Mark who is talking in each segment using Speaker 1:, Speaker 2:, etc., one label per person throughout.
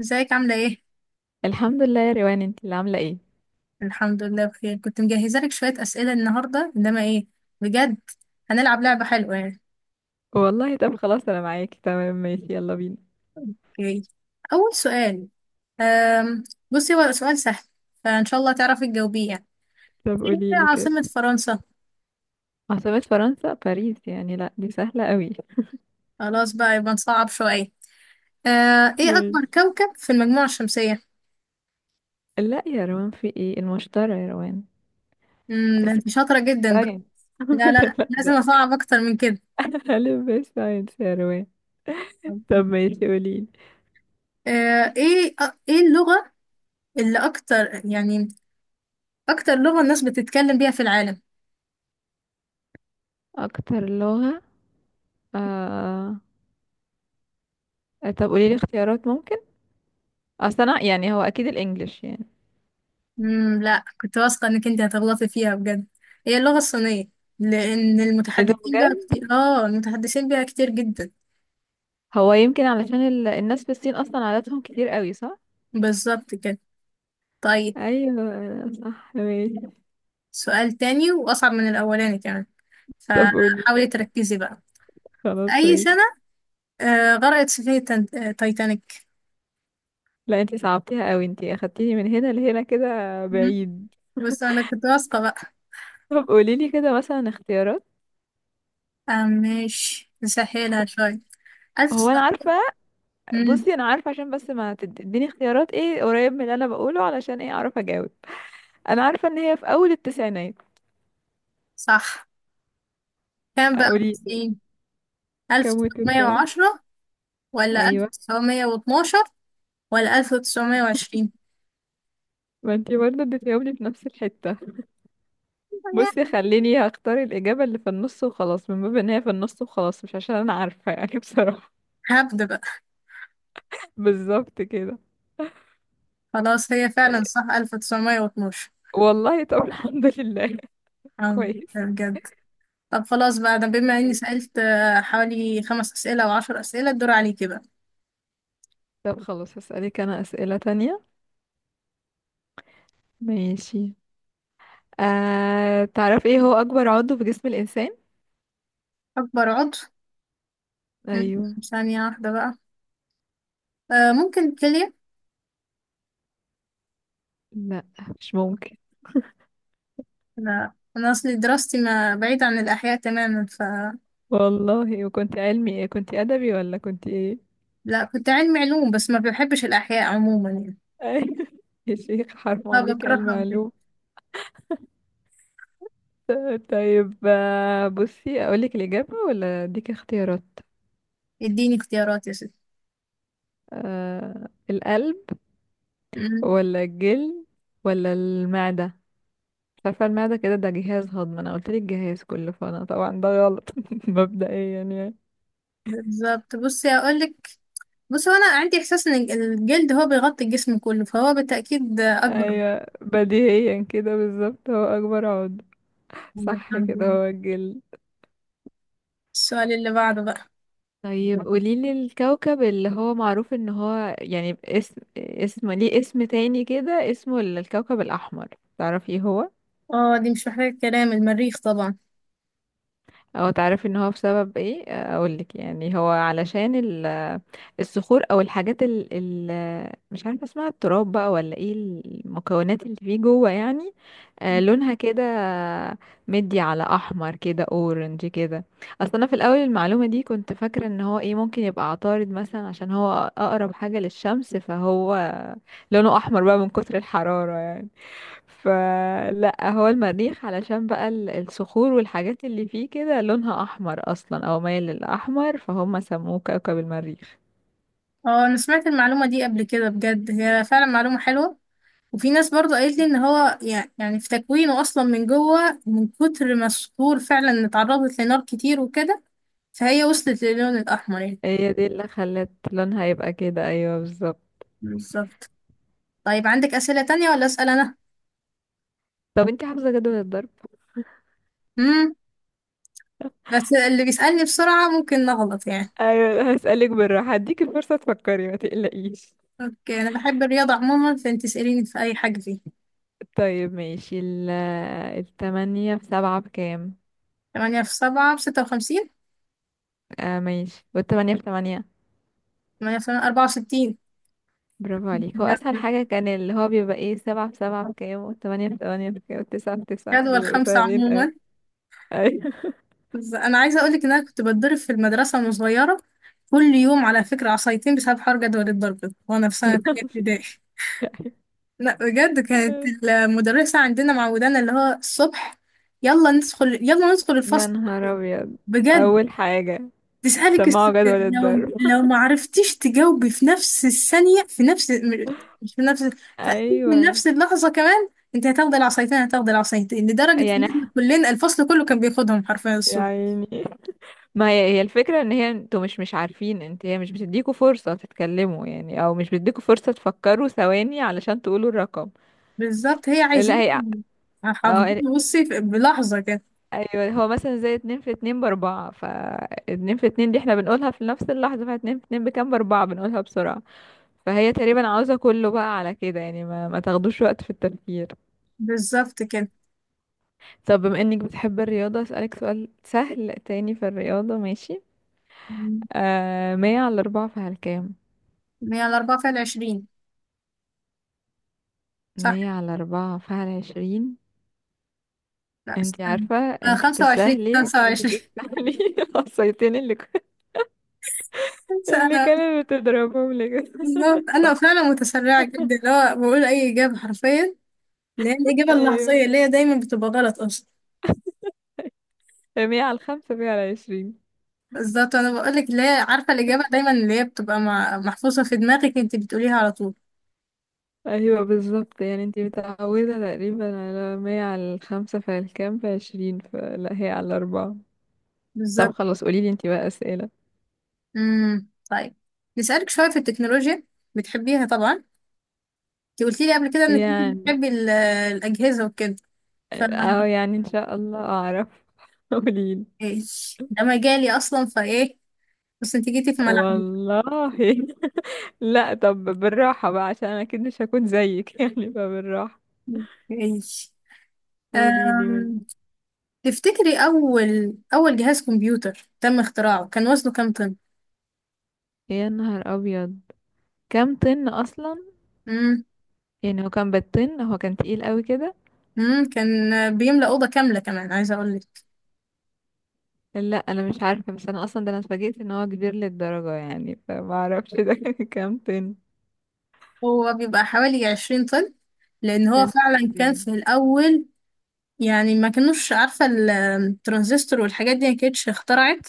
Speaker 1: ازيك عاملة ايه؟
Speaker 2: الحمد لله يا روان، انت اللي عامله ايه؟
Speaker 1: الحمد لله بخير. كنت مجهزة لك شوية أسئلة النهاردة، انما ايه بجد، هنلعب لعبة حلوة يعني.
Speaker 2: والله، طب خلاص انا معاكي تمام، ماشي، يلا بينا.
Speaker 1: اوكي، أول سؤال. أم... بصي، هو سؤال سهل فإن شاء الله تعرفي تجاوبيه يعني.
Speaker 2: طب قولي
Speaker 1: ايه
Speaker 2: لي
Speaker 1: هي
Speaker 2: كده.
Speaker 1: عاصمة فرنسا؟
Speaker 2: عاصمة فرنسا باريس، يعني لا دي سهله قوي.
Speaker 1: خلاص بقى، يبقى نصعب شوية. ايه
Speaker 2: ماشي.
Speaker 1: أكبر كوكب في المجموعة الشمسية؟
Speaker 2: لا يا روان، في ايه؟ المشترى يا روان.
Speaker 1: ده انت شاطرة جدا بقى.
Speaker 2: ساينس.
Speaker 1: لا لا،
Speaker 2: لا
Speaker 1: لازم
Speaker 2: ده
Speaker 1: أصعب أكتر من كده.
Speaker 2: الف ب، ساينس يا روان. طب ماشي، قولي لي.
Speaker 1: ايه اللغة اللي اكتر يعني، اكتر لغة الناس بتتكلم بيها في العالم؟
Speaker 2: اكتر لغه. آه... طب قولي لي اختيارات ممكن. اصل انا يعني، هو اكيد الانجليش يعني.
Speaker 1: امم، لا، كنت واثقة انك انت هتغلطي فيها بجد. هي اللغة الصينية، لان
Speaker 2: ايه ده
Speaker 1: المتحدثين بيها
Speaker 2: بجد؟
Speaker 1: كتير، المتحدثين بيها كتير جدا.
Speaker 2: هو يمكن علشان الناس في الصين اصلا عاداتهم كتير قوي، صح؟
Speaker 1: بالظبط كده. طيب،
Speaker 2: ايوه صح، ماشي.
Speaker 1: سؤال تاني واصعب من الاولاني كمان،
Speaker 2: طب قولي.
Speaker 1: فحاولي تركزي بقى.
Speaker 2: خلاص
Speaker 1: اي
Speaker 2: ماشي.
Speaker 1: سنة غرقت سفينة تايتانيك؟
Speaker 2: لا انتي صعبتيها قوي، انتي اخدتيني من هنا لهنا كده،
Speaker 1: مم.
Speaker 2: بعيد.
Speaker 1: بس انا كنت واثقة بقى.
Speaker 2: طب قوليلي كده مثلا اختيارات.
Speaker 1: آه ماشي، نسهلها شوية. ألف
Speaker 2: هو
Speaker 1: سنة؟
Speaker 2: انا عارفه.
Speaker 1: مم.
Speaker 2: بصي انا عارفه، عشان بس ما تديني اختيارات ايه قريب من اللي انا بقوله علشان ايه اعرف اجاوب. انا عارفه ان هي في اول التسعينات.
Speaker 1: صح. كام بقى،
Speaker 2: قولي.
Speaker 1: 90؟ ألف
Speaker 2: كم
Speaker 1: تسعمية
Speaker 2: التسعينات؟
Speaker 1: وعشرة، ولا ألف
Speaker 2: ايوه.
Speaker 1: تسعمية واتناشر، ولا 1920؟
Speaker 2: ما انتي برضه اديتيهم لي في نفس الحته. بصي خليني هختار الاجابه اللي في النص وخلاص، من باب ان هي في النص وخلاص، مش عشان انا عارفه يعني بصراحه.
Speaker 1: هبدأ بقى.
Speaker 2: بالظبط كده.
Speaker 1: خلاص، هي فعلا صح 1912.
Speaker 2: والله، طب الحمد لله.
Speaker 1: الحمد
Speaker 2: كويس.
Speaker 1: لله بجد. طب خلاص بقى، ده بما اني
Speaker 2: كويس.
Speaker 1: سألت حوالي خمس أسئلة او عشر أسئلة، الدور عليكي بقى.
Speaker 2: طب خلاص، هسألك أنا أسئلة تانية. ماشي. تعرف ايه هو أكبر عضو في جسم الإنسان؟
Speaker 1: أكبر عضو؟ مم،
Speaker 2: أيوه.
Speaker 1: ثانية واحدة بقى. ممكن الكلية.
Speaker 2: لا، مش ممكن.
Speaker 1: لا، أنا أصلي دراستي ما بعيد عن الأحياء تماما ف...
Speaker 2: والله، وكنت علمي ايه، كنت أدبي ولا كنت ايه؟
Speaker 1: لا، كنت علمي علوم، بس ما بحبش الأحياء عموما يعني.
Speaker 2: يا شيخ، حرام عليك يا
Speaker 1: فبكرهها وكده.
Speaker 2: المعلوم. طيب بصي أقولك الإجابة ولا أديك اختيارات؟
Speaker 1: اديني اختيارات يا ستي.
Speaker 2: القلب
Speaker 1: مم،
Speaker 2: ولا الجلد ولا المعدة؟ عارفة المعدة كده، ده جهاز هضم، انا قلت لك جهاز كله، فانا طبعا ده غلط. مبدئيا يعني.
Speaker 1: بالظبط، بصي أقولك. بص، هو انا عندي احساس ان الجلد هو بيغطي الجسم كله، فهو بالتاكيد اكبر غضة.
Speaker 2: ايوه، بديهيا كده، بالظبط هو اكبر عضو. صح
Speaker 1: الحمد
Speaker 2: كده،
Speaker 1: لله.
Speaker 2: هو الجلد.
Speaker 1: السؤال اللي بعده بقى.
Speaker 2: طيب قوليلي الكوكب اللي هو معروف ان هو يعني اسم ليه، اسم تاني كده، اسمه الكوكب الاحمر. تعرفي هو؟
Speaker 1: اه، دي مش محتاجه كلام، المريخ طبعا.
Speaker 2: او تعرفي ان هو بسبب ايه؟ اقول لك يعني، هو علشان الصخور او الحاجات، مش عارفه اسمها، التراب بقى ولا ايه المكونات اللي فيه جوه يعني. لونها كده، مدي على احمر كده، اورنج كده. اصل انا في الاول المعلومه دي كنت فاكره ان هو ايه، ممكن يبقى عطارد مثلا، عشان هو اقرب حاجه للشمس، فهو لونه احمر بقى من كتر الحراره يعني. فلا، هو المريخ، علشان بقى الصخور والحاجات اللي فيه كده لونها احمر اصلا او مايل للاحمر، فهم سموه كوكب المريخ.
Speaker 1: اه، انا سمعت المعلومه دي قبل كده بجد، هي فعلا معلومه حلوه. وفي ناس برضو قالت لي ان هو يعني في تكوينه اصلا من جوه، من كتر ما الصخور فعلا اتعرضت لنار كتير وكده، فهي وصلت للون الاحمر يعني.
Speaker 2: هي دي اللي خلت لونها يبقى كده، ايوه بالظبط.
Speaker 1: مم. بالظبط. طيب، عندك اسئله تانية ولا اسال انا؟
Speaker 2: طب انت حافظه جدول الضرب؟
Speaker 1: امم، بس اللي بيسالني بسرعه ممكن نغلط يعني.
Speaker 2: ايوه هسألك بالراحه، هديك الفرصه تفكري، ما تقلقيش.
Speaker 1: اوكي، انا بحب الرياضة عموما، فانت اسأليني في اي حاجة فيها.
Speaker 2: طيب ماشي، التمانية في سبعة بكام؟
Speaker 1: 8 في 7 ب 56.
Speaker 2: ماشي، والتمانية في تمانية؟
Speaker 1: 8 في 8 64.
Speaker 2: برافو عليك، هو
Speaker 1: لا،
Speaker 2: أسهل حاجة كان اللي هو بيبقى ايه، سبعة في سبعة بكام والتمانية في تمانية بكام والتسعة في تسعة، دول
Speaker 1: جدول
Speaker 2: بيبقوا
Speaker 1: خمسة
Speaker 2: سهلين.
Speaker 1: عموما.
Speaker 2: أيوة.
Speaker 1: بس انا عايزة اقولك ان انا كنت بتضرب في المدرسة وانا صغيرة كل يوم، على فكرة، عصايتين بسبب حوار جدول الضرب ده، وانا في سنة تانية ابتدائي. لا بجد، كانت المدرسة عندنا معودانا اللي هو الصبح، يلا ندخل يلا ندخل
Speaker 2: يا
Speaker 1: الفصل.
Speaker 2: نهار ابيض.
Speaker 1: بجد.
Speaker 2: اول حاجة،
Speaker 1: تسألك السؤال،
Speaker 2: سمعوا جدول
Speaker 1: لو
Speaker 2: الضرب.
Speaker 1: لو ما عرفتيش تجاوبي في نفس الثانية، في نفس مش في نفس، في أقل من
Speaker 2: ايوه.
Speaker 1: نفس اللحظة كمان، انت هتاخدي العصايتين، هتاخدي العصايتين، لدرجة ان
Speaker 2: يعني
Speaker 1: احنا
Speaker 2: ح-
Speaker 1: كلنا الفصل كله كان بياخدهم حرفيا
Speaker 2: يا
Speaker 1: الصبح.
Speaker 2: عيني. ما هي هي الفكرة ان هي انتوا مش عارفين، انت هي مش بتديكوا فرصة تتكلموا يعني، او مش بتديكوا فرصة تفكروا ثواني علشان تقولوا الرقم.
Speaker 1: بالظبط، هي
Speaker 2: لا
Speaker 1: عايزين
Speaker 2: هي.
Speaker 1: حافظين.
Speaker 2: أو.
Speaker 1: بصي بلحظة كده.
Speaker 2: ايوه، هو مثلا زي اتنين في اتنين باربعة. اتنين في اتنين دي احنا بنقولها في نفس اللحظة، فاتنين في اتنين بكام، باربعة، بنقولها بسرعة. فهي تقريبا عاوزة كله بقى على كده يعني، ما تاخدوش وقت في التفكير.
Speaker 1: بالظبط كده.
Speaker 2: طب بما انك بتحب الرياضة، اسألك سؤال سهل تاني في الرياضة، ماشي.
Speaker 1: مم.
Speaker 2: مية على أربعة فهل كام؟
Speaker 1: هي الأربعة فيها العشرين صح؟
Speaker 2: مية على أربعة فهل عشرين.
Speaker 1: لا
Speaker 2: انتي
Speaker 1: استنى،
Speaker 2: عارفة
Speaker 1: أنا
Speaker 2: انتي
Speaker 1: خمسة وعشرين،
Speaker 2: تستاهلي
Speaker 1: خمسة
Speaker 2: انتي
Speaker 1: وعشرين.
Speaker 2: تستاهلي الصيتين اللي
Speaker 1: أنا
Speaker 2: كانت بتضربهم لك.
Speaker 1: بالظبط، أنا
Speaker 2: صح.
Speaker 1: فعلا متسرعة جدا، اللي هو بقول أي إجابة حرفيا، اللي هي الإجابة
Speaker 2: ايوه.
Speaker 1: اللحظية اللي هي دايما بتبقى غلط أصلا.
Speaker 2: مية على الخمسة، مية على عشرين.
Speaker 1: بالظبط. أنا بقولك، اللي هي عارفة الإجابة دايما اللي هي بتبقى محفوظة في دماغك، انت بتقوليها على طول.
Speaker 2: ايوه بالظبط، يعني انتي متعودة تقريبا على مية على الخمسة فهل كام، في عشرين، فلا هي على أربعة. طب
Speaker 1: بالظبط.
Speaker 2: خلاص قوليلي انتي بقى أسئلة.
Speaker 1: امم، طيب، نسألك شوية في التكنولوجيا. بتحبيها طبعا، انت قلتي لي قبل كده إنك انت
Speaker 2: يعني،
Speaker 1: بتحبي الأجهزة وكده. ف...
Speaker 2: اه يعني ان شاء الله اعرف. قوليلي.
Speaker 1: إيش، ده مجالي أصلا، فإيه، بس انت جيتي في ملعبي.
Speaker 2: والله. لا طب بالراحة بقى عشان انا اكيد مش هكون زيك يعني، فبالراحة.
Speaker 1: إيش.
Speaker 2: قوليلي من.
Speaker 1: أم... تفتكري أول أول جهاز كمبيوتر تم اختراعه كان وزنه كام طن؟
Speaker 2: يا نهار ابيض. كام طن اصلا؟ يعني هو كان بالطن، هو كان تقيل قوي كده.
Speaker 1: امم، كان بيملأ أوضة كاملة كمان عايزة أقول لك.
Speaker 2: لا انا مش عارفة، بس انا اصلا ده، انا اتفاجئت ان هو كبير للدرجة يعني، فما اعرفش ده كام طن.
Speaker 1: هو بيبقى حوالي عشرين طن، لأن هو
Speaker 2: يا نهار
Speaker 1: فعلا كان
Speaker 2: ابيض.
Speaker 1: في الأول يعني ما كانوش عارفة الترانزستور والحاجات دي، ما كانتش اخترعت،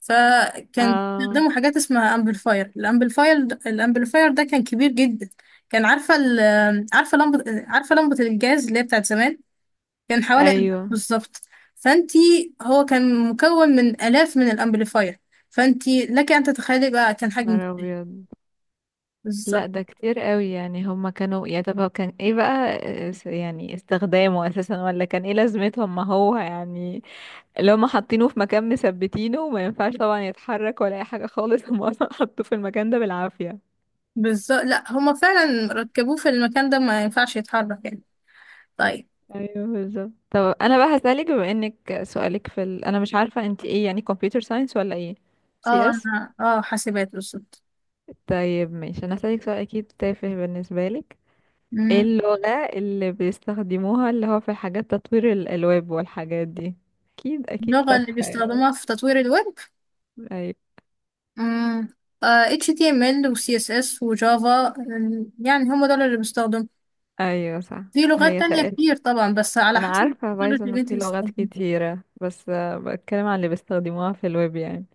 Speaker 1: فكان
Speaker 2: اه.
Speaker 1: بيستخدموا حاجات اسمها أمبليفاير. الأمبليفاير ده كان كبير جدا. كان عارفة عارفة لمبة، عارفة لمبة الجاز اللي هي بتاعت زمان، كان حوالي ألف
Speaker 2: ايوه.
Speaker 1: بالظبط. فأنتي، هو كان مكون من آلاف من الأمبليفاير، فأنتي لك أن تتخيلي بقى
Speaker 2: يا
Speaker 1: كان حجمه.
Speaker 2: نهار ابيض.
Speaker 1: بالظبط.
Speaker 2: لا ده كتير قوي، يعني هما كانوا يا، طب هو كان ايه بقى؟ يعني استخدامه اساسا، ولا كان ايه لازمته، ما هو يعني اللي هما حاطينه في مكان مثبتينه وما ينفعش طبعا يتحرك ولا اي حاجة خالص، هما اصلا حطوه في المكان ده بالعافية.
Speaker 1: بالظبط، لا، هما فعلا ركبوه في المكان ده، ما ينفعش يتحرك يعني. طيب.
Speaker 2: ايوه بالظبط. طب انا بقى هسألك، بما انك سؤالك في انا مش عارفة انت ايه يعني، كمبيوتر ساينس ولا ايه،
Speaker 1: اه
Speaker 2: سي اس.
Speaker 1: انا، اه، حاسبات بالظبط.
Speaker 2: طيب ماشي، انا هسألك سؤال اكيد تافه بالنسبة لك. ايه
Speaker 1: أمم،
Speaker 2: اللغة اللي بيستخدموها، اللي هو في حاجات تطوير الألواب والحاجات دي؟ أكيد أكيد
Speaker 1: اللغة اللي
Speaker 2: تافهة يعني.
Speaker 1: بيستخدموها في تطوير الويب.
Speaker 2: أيوة.
Speaker 1: أمم، HTML و CSS و Java. أمم، يعني هما دول اللي بيستخدموا.
Speaker 2: أيوة صح.
Speaker 1: في لغات
Speaker 2: هي
Speaker 1: تانية
Speaker 2: تقل.
Speaker 1: كتير طبعا، بس على
Speaker 2: أنا
Speaker 1: حسب
Speaker 2: عارفة
Speaker 1: التكنولوجي
Speaker 2: بايثون،
Speaker 1: اللي انت
Speaker 2: في لغات
Speaker 1: بتستخدمها.
Speaker 2: كتيرة، بس بتكلم عن اللي بيستخدموها في الويب يعني.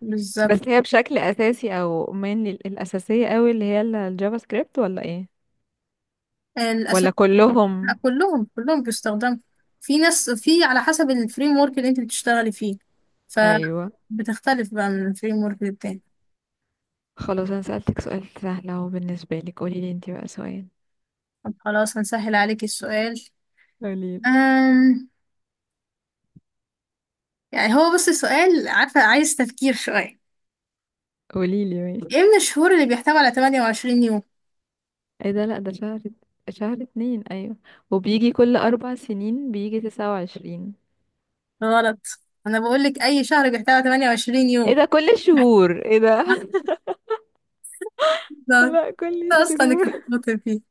Speaker 1: بالظبط،
Speaker 2: بس هي بشكل أساسي أو من الأساسية أوي، اللي هي الجافا سكريبت، ولا إيه
Speaker 1: الأساس.
Speaker 2: ولا كلهم؟
Speaker 1: لا، كلهم كلهم بيستخدموا. في ناس، في على حسب الفريم ورك اللي انت بتشتغلي فيه،
Speaker 2: أيوة.
Speaker 1: فبتختلف بقى من الفريم ورك للتاني.
Speaker 2: خلاص أنا سألتك سؤال سهل أهو بالنسبة لك، قوليلي انتي بقى سؤال.
Speaker 1: طب خلاص، هنسهل عليك السؤال.
Speaker 2: قوليلي.
Speaker 1: أم... يعني هو، بص، السؤال عارفة عايز تفكير شوية.
Speaker 2: قوليلي ماشي.
Speaker 1: ايه من الشهور اللي بيحتوي على 28 يوم؟
Speaker 2: ايه ده؟ لا ده شهر، شهر اتنين، ايوه. وبيجي كل 4 سنين بيجي 29.
Speaker 1: غلط، انا بقول لك اي شهر بيحتوي على 28
Speaker 2: ايه
Speaker 1: يوم.
Speaker 2: ده، كل الشهور؟ ايه ده؟
Speaker 1: لحظة،
Speaker 2: لا كل
Speaker 1: اصلا انا كنت
Speaker 2: الشهور.
Speaker 1: بطل فيه.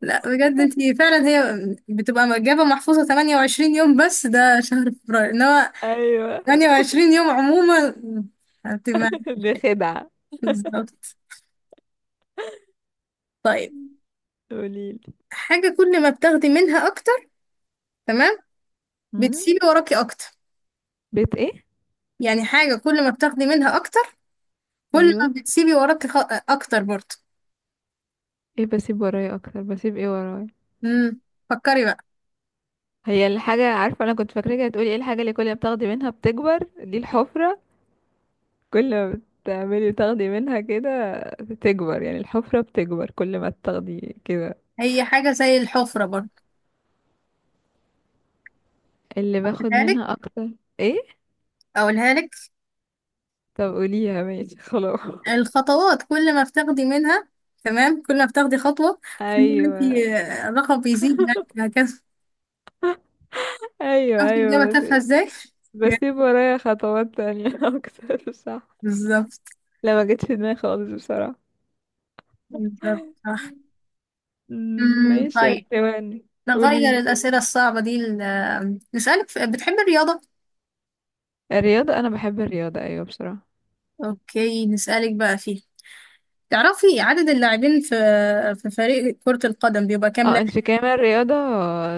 Speaker 1: لا بجد، انتي فعلا هي بتبقى إجابة محفوظة 28 يوم، بس ده شهر فبراير، انما
Speaker 2: ايوه.
Speaker 1: 28 يوم عموما هتبقى.
Speaker 2: دي خدعة.
Speaker 1: بالظبط. طيب،
Speaker 2: قوليلي.
Speaker 1: حاجة كل ما بتاخدي منها أكتر، تمام،
Speaker 2: أمم؟
Speaker 1: بتسيبي وراكي أكتر.
Speaker 2: بيت ايه؟
Speaker 1: يعني حاجة كل ما بتاخدي منها أكتر، كل ما
Speaker 2: ايوه.
Speaker 1: بتسيبي وراكي أكتر برضه.
Speaker 2: ايه بسيب ورايا اكتر، بسيب ايه ورايا؟
Speaker 1: امم، فكري بقى.
Speaker 2: هي الحاجة، عارفة انا كنت فاكراك هتقولي ايه الحاجة اللي كل ما بتاخدي منها بتكبر، دي الحفرة. كل ما بتعملي تاخدي منها كده بتكبر، يعني الحفرة بتكبر كل ما تاخدي كده.
Speaker 1: هي حاجة زي الحفرة برضه.
Speaker 2: اللي باخد
Speaker 1: أقولها
Speaker 2: منها
Speaker 1: لك،
Speaker 2: اكتر. ايه؟
Speaker 1: أقولها لك.
Speaker 2: طب قوليها، ماشي خلاص.
Speaker 1: الخطوات، كل ما بتاخدي منها، تمام، كل ما بتاخدي خطوة، كل ما
Speaker 2: ايوه،
Speaker 1: انتي، الرقم بيزيد معاكي هكذا.
Speaker 2: ايوه،
Speaker 1: عرفتي الإجابة
Speaker 2: ايوه، بس.
Speaker 1: تافهة ازاي؟
Speaker 2: بسيب ورايا خطوات تانية اكتر، صح؟
Speaker 1: بالظبط.
Speaker 2: لا ما جتش في دماغي خالص بصراحة.
Speaker 1: بالظبط صح. امم،
Speaker 2: ماشي،
Speaker 1: طيب،
Speaker 2: ثواني.
Speaker 1: نغير
Speaker 2: قوليلي كده.
Speaker 1: الأسئلة الصعبة دي نسألك في... بتحبي الرياضة؟
Speaker 2: الرياضة، انا بحب الرياضة ايوه بصراحة.
Speaker 1: أوكي، نسألك بقى فيها. تعرفي عدد اللاعبين في، في فريق كرة القدم بيبقى كام
Speaker 2: اه انت في كامل رياضة،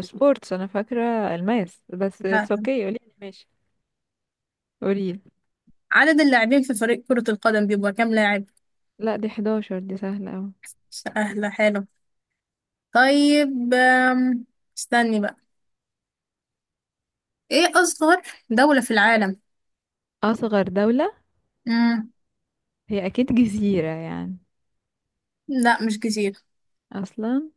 Speaker 2: سبورتس. انا فاكرة الماس بس
Speaker 1: لاعب؟
Speaker 2: اتس اوكي، قوليلي ماشي. قوليلي.
Speaker 1: عدد اللاعبين في فريق كرة القدم بيبقى كام لاعب؟
Speaker 2: لا دي 11، دي سهلة اوي.
Speaker 1: سهلة، حلو. طيب، استني بقى. ايه أصغر دولة في العالم؟
Speaker 2: اصغر دولة.
Speaker 1: مم.
Speaker 2: هي اكيد جزيرة يعني.
Speaker 1: لا، مش كتير.
Speaker 2: اصلا.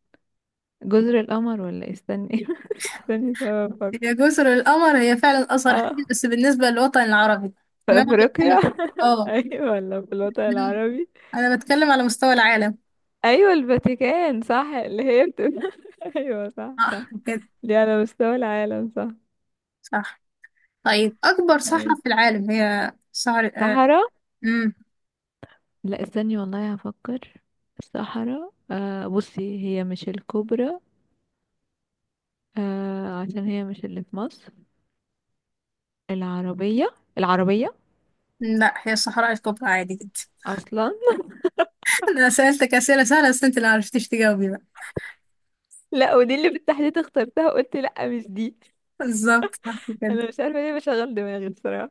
Speaker 2: جزر القمر ولا إيه؟ استني. استني طب أفكر.
Speaker 1: هي جزر القمر هي فعلا أصغر
Speaker 2: اه،
Speaker 1: حاجة بس بالنسبة للوطن العربي.
Speaker 2: في
Speaker 1: إنما
Speaker 2: افريقيا.
Speaker 1: بتكلم. اه،
Speaker 2: ايوه، ولا في الوطن
Speaker 1: إنما
Speaker 2: العربي؟
Speaker 1: أنا بتكلم على مستوى العالم.
Speaker 2: ايوه الفاتيكان صح، اللي هي بتبقى. ايوه، صح، صح.
Speaker 1: صح كده.
Speaker 2: دي على مستوى العالم، صح؟
Speaker 1: صح. طيب، أكبر صحراء
Speaker 2: أيوة.
Speaker 1: في العالم هي صحراء؟
Speaker 2: صحراء.
Speaker 1: آه.
Speaker 2: لا استني والله هفكر. الصحراء، بصي هي مش الكبرى. عشان هي مش اللي في مصر. العربية. العربية.
Speaker 1: لا، هي الصحراء الكبرى عادي جدا.
Speaker 2: اصلا.
Speaker 1: انا سألتك أسئلة سهلة، بس انت اللي معرفتيش تجاوبي بقى.
Speaker 2: لا، ودي اللي بالتحديد اخترتها وقلت لا مش دي.
Speaker 1: بالظبط صح كده.
Speaker 2: انا مش عارفه ليه بشغل دماغي بصراحه.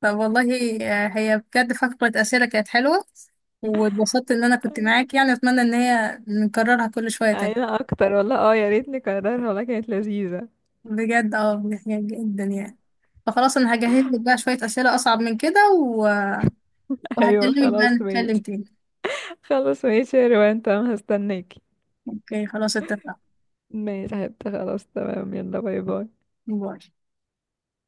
Speaker 1: طب والله، هي بجد فقرة أسئلة كانت حلوة، واتبسطت ان انا كنت معاك يعني، اتمنى ان هي نكررها كل شوية تاني.
Speaker 2: ايوه اكتر والله، اه يا ريت نكررها والله، كانت لذيذة.
Speaker 1: بجد، اه، يعني جدا يعني. فخلاص، انا هجهز لك بقى شوية أسئلة اصعب من كده و...
Speaker 2: ايوه
Speaker 1: وهكلمك بقى
Speaker 2: خلاص
Speaker 1: نتكلم
Speaker 2: ماشي.
Speaker 1: تاني.
Speaker 2: خلاص ماشي يا روان، تمام هستناكي.
Speaker 1: اوكي خلاص، اتفقنا.
Speaker 2: ماشي، حتى خلاص، تمام، يلا باي باي.
Speaker 1: باي.